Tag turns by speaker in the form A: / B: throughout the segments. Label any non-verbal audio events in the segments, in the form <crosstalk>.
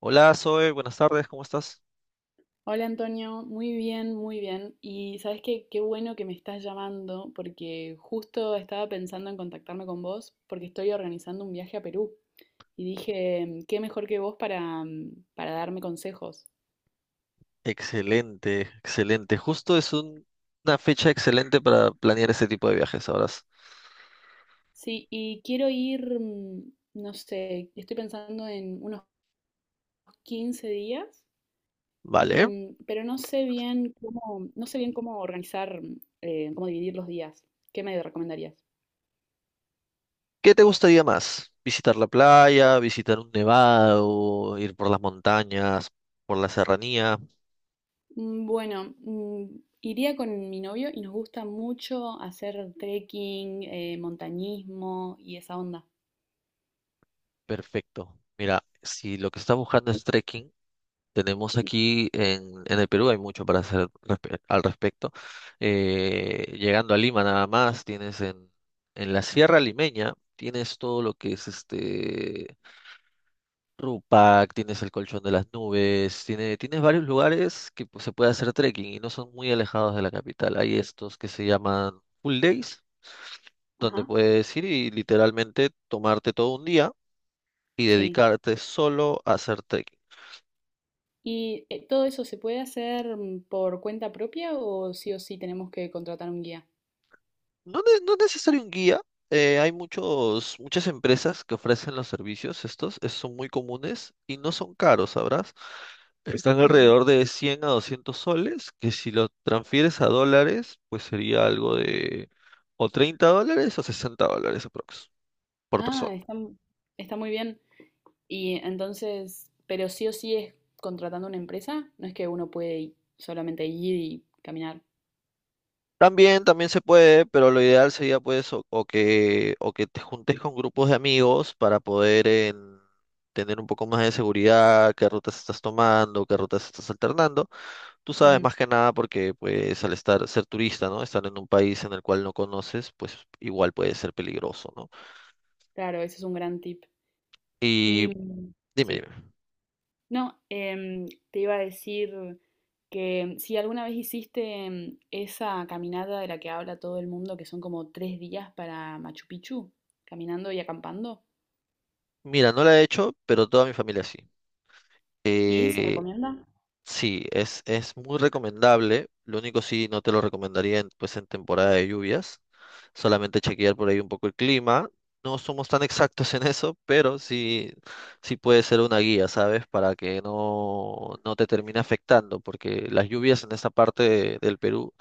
A: Hola, Zoe, buenas tardes, ¿cómo estás?
B: Hola Antonio, muy bien, muy bien. Y sabes qué, qué bueno que me estás llamando porque justo estaba pensando en contactarme con vos porque estoy organizando un viaje a Perú y dije, qué mejor que vos para darme consejos.
A: Excelente, excelente. Una fecha excelente para planear este tipo de viajes, ahora.
B: Sí, y quiero ir, no sé, estoy pensando en unos 15 días
A: Vale.
B: y, pero no sé bien cómo organizar, cómo dividir los días. ¿Qué me recomendarías?
A: ¿Qué te gustaría más? ¿Visitar la playa, visitar un nevado, ir por las montañas, por la serranía?
B: Bueno, iría con mi novio y nos gusta mucho hacer trekking, montañismo y esa onda.
A: Perfecto. Mira, si lo que estás buscando es trekking, tenemos aquí en el Perú. Hay mucho para hacer al respecto. Llegando a Lima nada más, tienes en la Sierra Limeña. Tienes todo lo que es este Rupac, tienes el Colchón de las Nubes, tienes varios lugares que, pues, se puede hacer trekking y no son muy alejados de la capital. Hay estos que se llaman full days,
B: Ajá,
A: donde puedes ir y literalmente tomarte todo un día y
B: sí.
A: dedicarte solo a hacer trekking.
B: ¿Y todo eso se puede hacer por cuenta propia o sí tenemos que contratar un guía?
A: No, no es necesario un guía. Hay muchas empresas que ofrecen los servicios estos. Son muy comunes y no son caros, ¿sabrás? Están
B: Ujú.
A: alrededor de 100 a 200 soles, que si lo transfieres a dólares, pues sería algo de o 30 dólares o 60 dólares aprox por
B: Ah,
A: persona.
B: está muy bien. Y entonces, pero sí o sí es contratando una empresa, no es que uno puede solamente ir y caminar.
A: También, también se puede, pero lo ideal sería, pues, o que te juntes con grupos de amigos para poder tener un poco más de seguridad, qué rutas estás tomando, qué rutas estás alternando. Tú sabes,
B: Ujú.
A: más que nada, porque pues al estar, ser turista, ¿no? Estar en un país en el cual no conoces, pues igual puede ser peligroso, ¿no?
B: Claro, ese es un gran tip.
A: Y
B: Y
A: dime, dime.
B: sí. No, te iba a decir que si alguna vez hiciste esa caminata de la que habla todo el mundo, que son como 3 días para Machu Picchu, caminando y acampando,
A: Mira, no la he hecho, pero toda mi familia sí.
B: ¿y se
A: Eh,
B: recomienda?
A: Sí, es muy recomendable. Lo único, sí, no te lo recomendaría pues en temporada de lluvias. Solamente chequear por ahí un poco el clima. No somos tan exactos en eso, pero sí, sí puede ser una guía, ¿sabes? Para que no, no te termine afectando, porque las lluvias en esta parte del Perú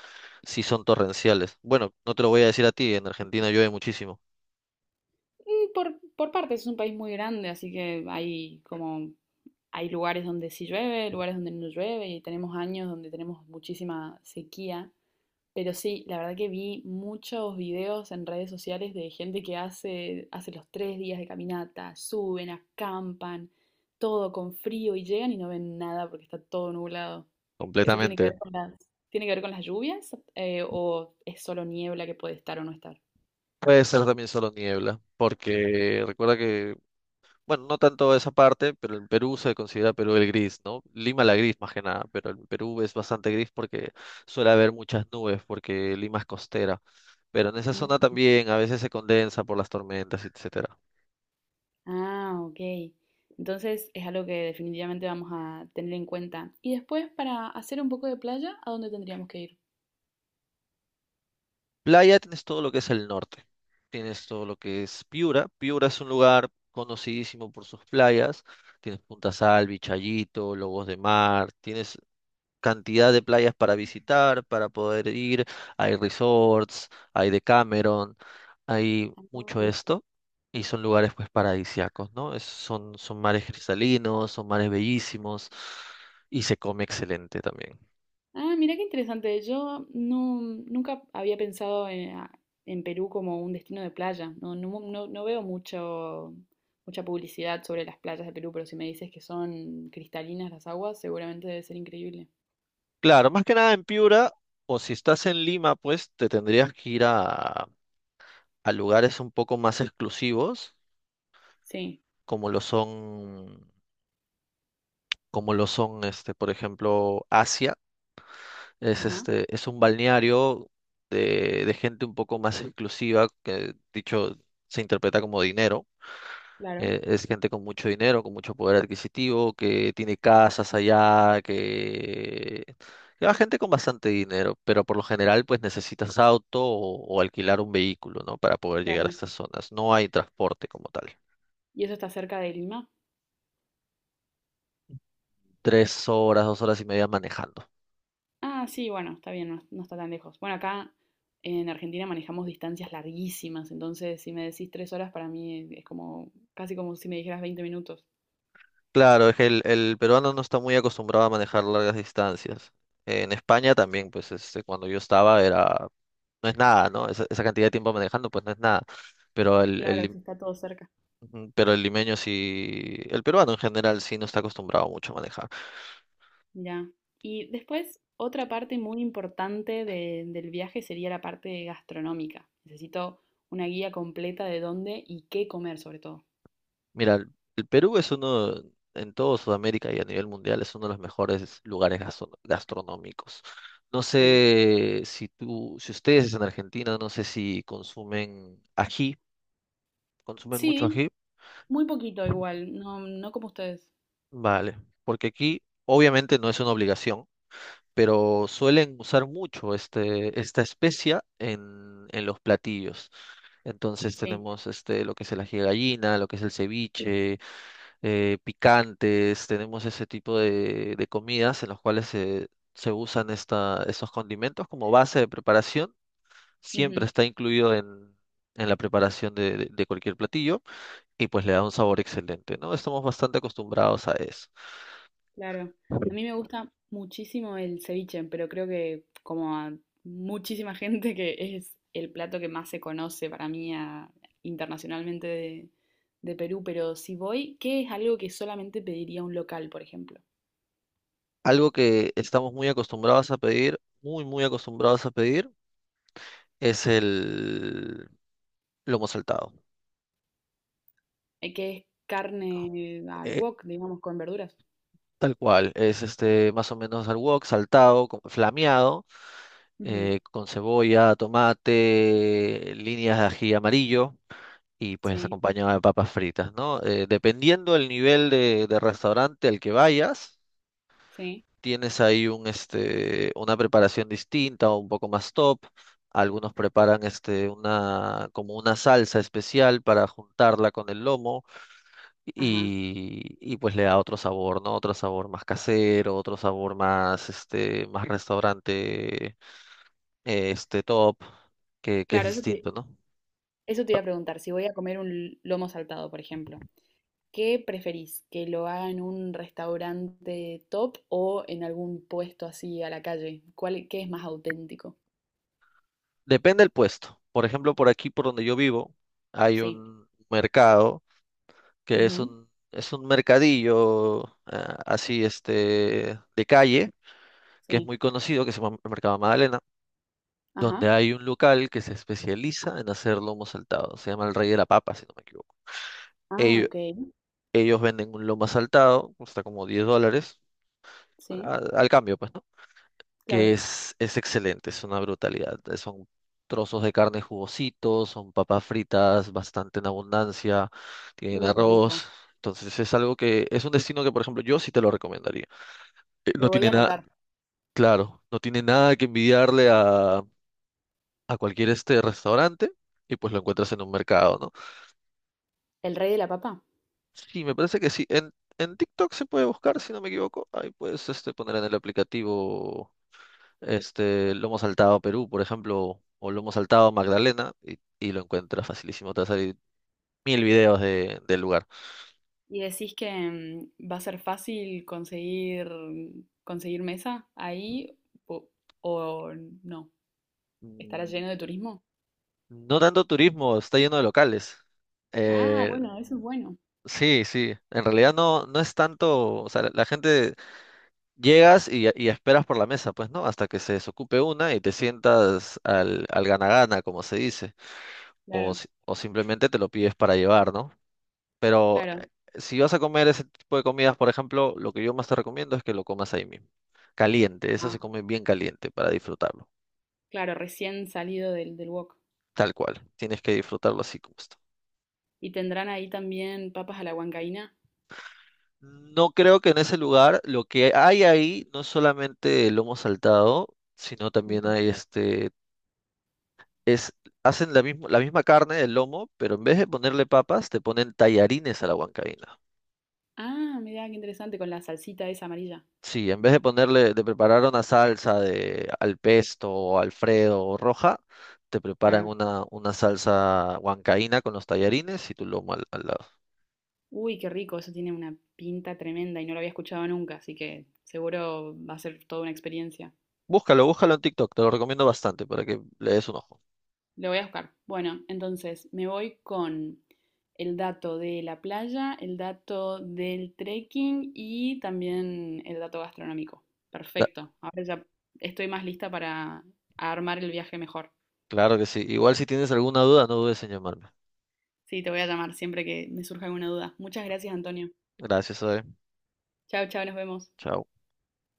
A: sí son torrenciales. Bueno, no te lo voy a decir a ti, en Argentina llueve muchísimo,
B: Y por partes, es un país muy grande, así que hay como hay lugares donde sí llueve, lugares donde no llueve, y tenemos años donde tenemos muchísima sequía. Pero sí, la verdad que vi muchos videos en redes sociales de gente que hace los 3 días de caminata, suben, acampan, todo con frío y llegan y no ven nada porque está todo nublado. ¿Eso tiene que
A: completamente.
B: ver con las lluvias? ¿O es solo niebla que puede estar o no estar?
A: Puede ser también solo niebla, porque recuerda que, bueno, no tanto esa parte, pero en Perú se considera Perú el gris, ¿no? Lima la gris, más que nada, pero en Perú es bastante gris porque suele haber muchas nubes, porque Lima es costera. Pero en esa
B: Mm.
A: zona también a veces se condensa por las tormentas, etcétera.
B: Ah, ok. Entonces es algo que definitivamente vamos a tener en cuenta. Y después, para hacer un poco de playa, ¿a dónde tendríamos que ir?
A: Playa, tienes todo lo que es el norte. Tienes todo lo que es Piura. Piura es un lugar conocidísimo por sus playas. Tienes Punta Salvi, Chayito, Lobos de Mar. Tienes cantidad de playas para visitar, para poder ir. Hay resorts, hay Decameron, hay
B: Ah.
A: mucho esto. Y son lugares pues paradisíacos, ¿no? Son, son mares cristalinos, son mares bellísimos y se come excelente también.
B: Ah, mira qué interesante. Yo no, nunca había pensado en Perú como un destino de playa. No, no, no veo mucho, mucha publicidad sobre las playas de Perú, pero si me dices que son cristalinas las aguas, seguramente debe ser increíble.
A: Claro, más que nada en Piura, o si estás en Lima, pues te tendrías que ir a lugares un poco más exclusivos,
B: Sí,
A: como lo son, como lo son, este, por ejemplo, Asia. Es
B: ajá,
A: este, es un balneario de gente un poco más exclusiva, que dicho se interpreta como dinero.
B: claro,
A: Es gente con mucho dinero, con mucho poder adquisitivo, que tiene casas allá, que lleva gente con bastante dinero, pero por lo general pues necesitas auto o alquilar un vehículo, ¿no? Para poder llegar a
B: claro.
A: estas zonas. No hay transporte como tal.
B: ¿Y eso está cerca de Lima?
A: Tres horas, dos horas y media manejando.
B: Ah, sí, bueno, está bien, no, no está tan lejos. Bueno, acá en Argentina manejamos distancias larguísimas, entonces si me decís 3 horas, para mí es como casi como si me dijeras 20 minutos.
A: Claro, es que el peruano no está muy acostumbrado a manejar largas distancias. En España también, pues este, cuando yo estaba era, no es nada, ¿no? Esa cantidad de tiempo manejando, pues no es nada. Pero el, el
B: Claro,
A: lim-
B: si está todo cerca.
A: Ujú, pero el limeño sí, el peruano en general sí no está acostumbrado mucho a manejar.
B: Ya. Y después, otra parte muy importante del viaje sería la parte gastronómica. Necesito una guía completa de dónde y qué comer, sobre todo.
A: Mira, el Perú es uno, en todo Sudamérica y a nivel mundial, es uno de los mejores lugares gastronómicos. No
B: Sí.
A: sé si tú, si ustedes en Argentina, no sé si consumen ají, consumen mucho
B: Sí,
A: ají.
B: muy poquito igual, no, no como ustedes.
A: Vale, porque aquí obviamente no es una obligación, pero suelen usar mucho este, esta especia en los platillos. Entonces
B: Sí,
A: tenemos este, lo que es el ají de gallina, lo que es el ceviche, picantes, tenemos ese tipo de comidas en los cuales se, se usan esta, estos condimentos como base de preparación. Siempre
B: ujú,
A: está incluido en la preparación de cualquier platillo y pues le da un sabor excelente, ¿no? Estamos bastante acostumbrados a eso.
B: claro. A mí me gusta muchísimo el ceviche, pero creo que como a muchísima <laughs> gente que es el plato que más se conoce para mí internacionalmente de Perú, pero si voy, ¿qué es algo que solamente pediría un local, por ejemplo?
A: Algo que estamos muy acostumbrados a pedir, muy, muy acostumbrados a pedir, es el lomo saltado.
B: Eh, que es
A: ¿No?
B: carne al
A: Eh,
B: wok, digamos, con verduras.
A: tal cual, es este más o menos al wok, saltado, flameado,
B: Ujú,
A: con cebolla, tomate, líneas de ají amarillo y pues
B: sí,
A: acompañado de papas fritas, ¿no? Dependiendo del nivel de restaurante al que vayas,
B: sí,
A: tienes ahí un, este, una preparación distinta o un poco más top. Algunos preparan este, una, como una salsa especial para juntarla con el lomo
B: ajá.
A: y pues le da otro sabor, ¿no? Otro sabor más casero, otro sabor más, este, más restaurante, este, top, que es
B: Claro, eso te,
A: distinto, ¿no?
B: eso te iba a preguntar. Si voy a comer un lomo saltado, por ejemplo, ¿qué preferís? ¿Que lo haga en un restaurante top o en algún puesto así a la calle? ¿Cuál, qué es más auténtico?
A: Depende del puesto. Por ejemplo, por aquí, por donde yo vivo, hay
B: Sí.
A: un mercado que
B: Ujú,
A: es un mercadillo, ah, así este de calle, que es
B: sí.
A: muy conocido, que se llama el Mercado Magdalena,
B: Ajá.
A: donde hay un local que se especializa en hacer lomo saltado. Se llama el Rey de la Papa, si no me equivoco.
B: Ah,
A: Ellos,
B: ok.
A: Ellos venden un lomo saltado, cuesta como 10 dólares,
B: Sí,
A: al, al cambio, pues, ¿no?
B: claro.
A: Que es excelente, es una brutalidad. Eh, son trozos de carne jugositos, son papas fritas bastante en abundancia, tienen
B: Uy, qué rico.
A: arroz. Entonces es algo que es un destino que, por ejemplo, yo sí te lo recomendaría. No
B: Lo voy a
A: tiene nada,
B: anotar.
A: claro, no tiene nada que envidiarle a cualquier este restaurante y pues lo encuentras en un mercado, ¿no?
B: ¿El rey de la papa?
A: Sí, me parece que sí. En TikTok se puede buscar, si no me equivoco. Ahí puedes este, poner en el aplicativo este lomo saltado Perú, por ejemplo, o lomo saltado Magdalena y lo encuentras facilísimo. Te va a salir 1000 videos de, del lugar.
B: ¿Y decís que va a ser fácil conseguir mesa ahí o, o no? ¿Estará
A: Mm,
B: lleno de turismo?
A: no tanto turismo, está lleno de locales.
B: Ah,
A: Eh,
B: bueno, eso es bueno.
A: sí, sí. En realidad no, no es tanto, o sea, la gente llegas y esperas por la mesa, pues, ¿no? Hasta que se desocupe una y te sientas al, al gana-gana, como se dice. O,
B: Claro,
A: o simplemente te lo pides para llevar, ¿no? Pero
B: claro.
A: si vas a comer ese tipo de comidas, por ejemplo, lo que yo más te recomiendo es que lo comas ahí mismo. Caliente, eso se
B: Ah,
A: come bien caliente para disfrutarlo.
B: claro, recién salido del wok.
A: Tal cual. Tienes que disfrutarlo así como está.
B: ¿Y tendrán ahí también papas a la huancaína?
A: No creo que en ese lugar lo que hay ahí no es solamente el lomo saltado, sino también
B: Ujú.
A: hay este es, hacen la misma carne, el lomo, pero en vez de ponerle papas, te ponen tallarines a la huancaína.
B: Ah, mirá, qué interesante, con la salsita esa amarilla.
A: Sí, en vez de ponerle, de preparar una salsa de al pesto o alfredo o roja, te preparan
B: Claro.
A: una salsa huancaína con los tallarines y tu lomo al, al lado.
B: Uy, qué rico, eso tiene una pinta tremenda y no lo había escuchado nunca, así que seguro va a ser toda una experiencia.
A: Búscalo, búscalo en TikTok, te lo recomiendo bastante para que le des un ojo.
B: Lo voy a buscar. Bueno, entonces me voy con el dato de la playa, el dato del trekking y también el dato gastronómico.
A: Da-
B: Perfecto. Ahora ya estoy más lista para armar el viaje mejor.
A: claro que sí. Igual si tienes alguna duda, no dudes en llamarme.
B: Sí, te voy a llamar siempre que me surja alguna duda. Muchas gracias, Antonio.
A: Gracias, Zoe.
B: Chao, chao, nos vemos.
A: Chao.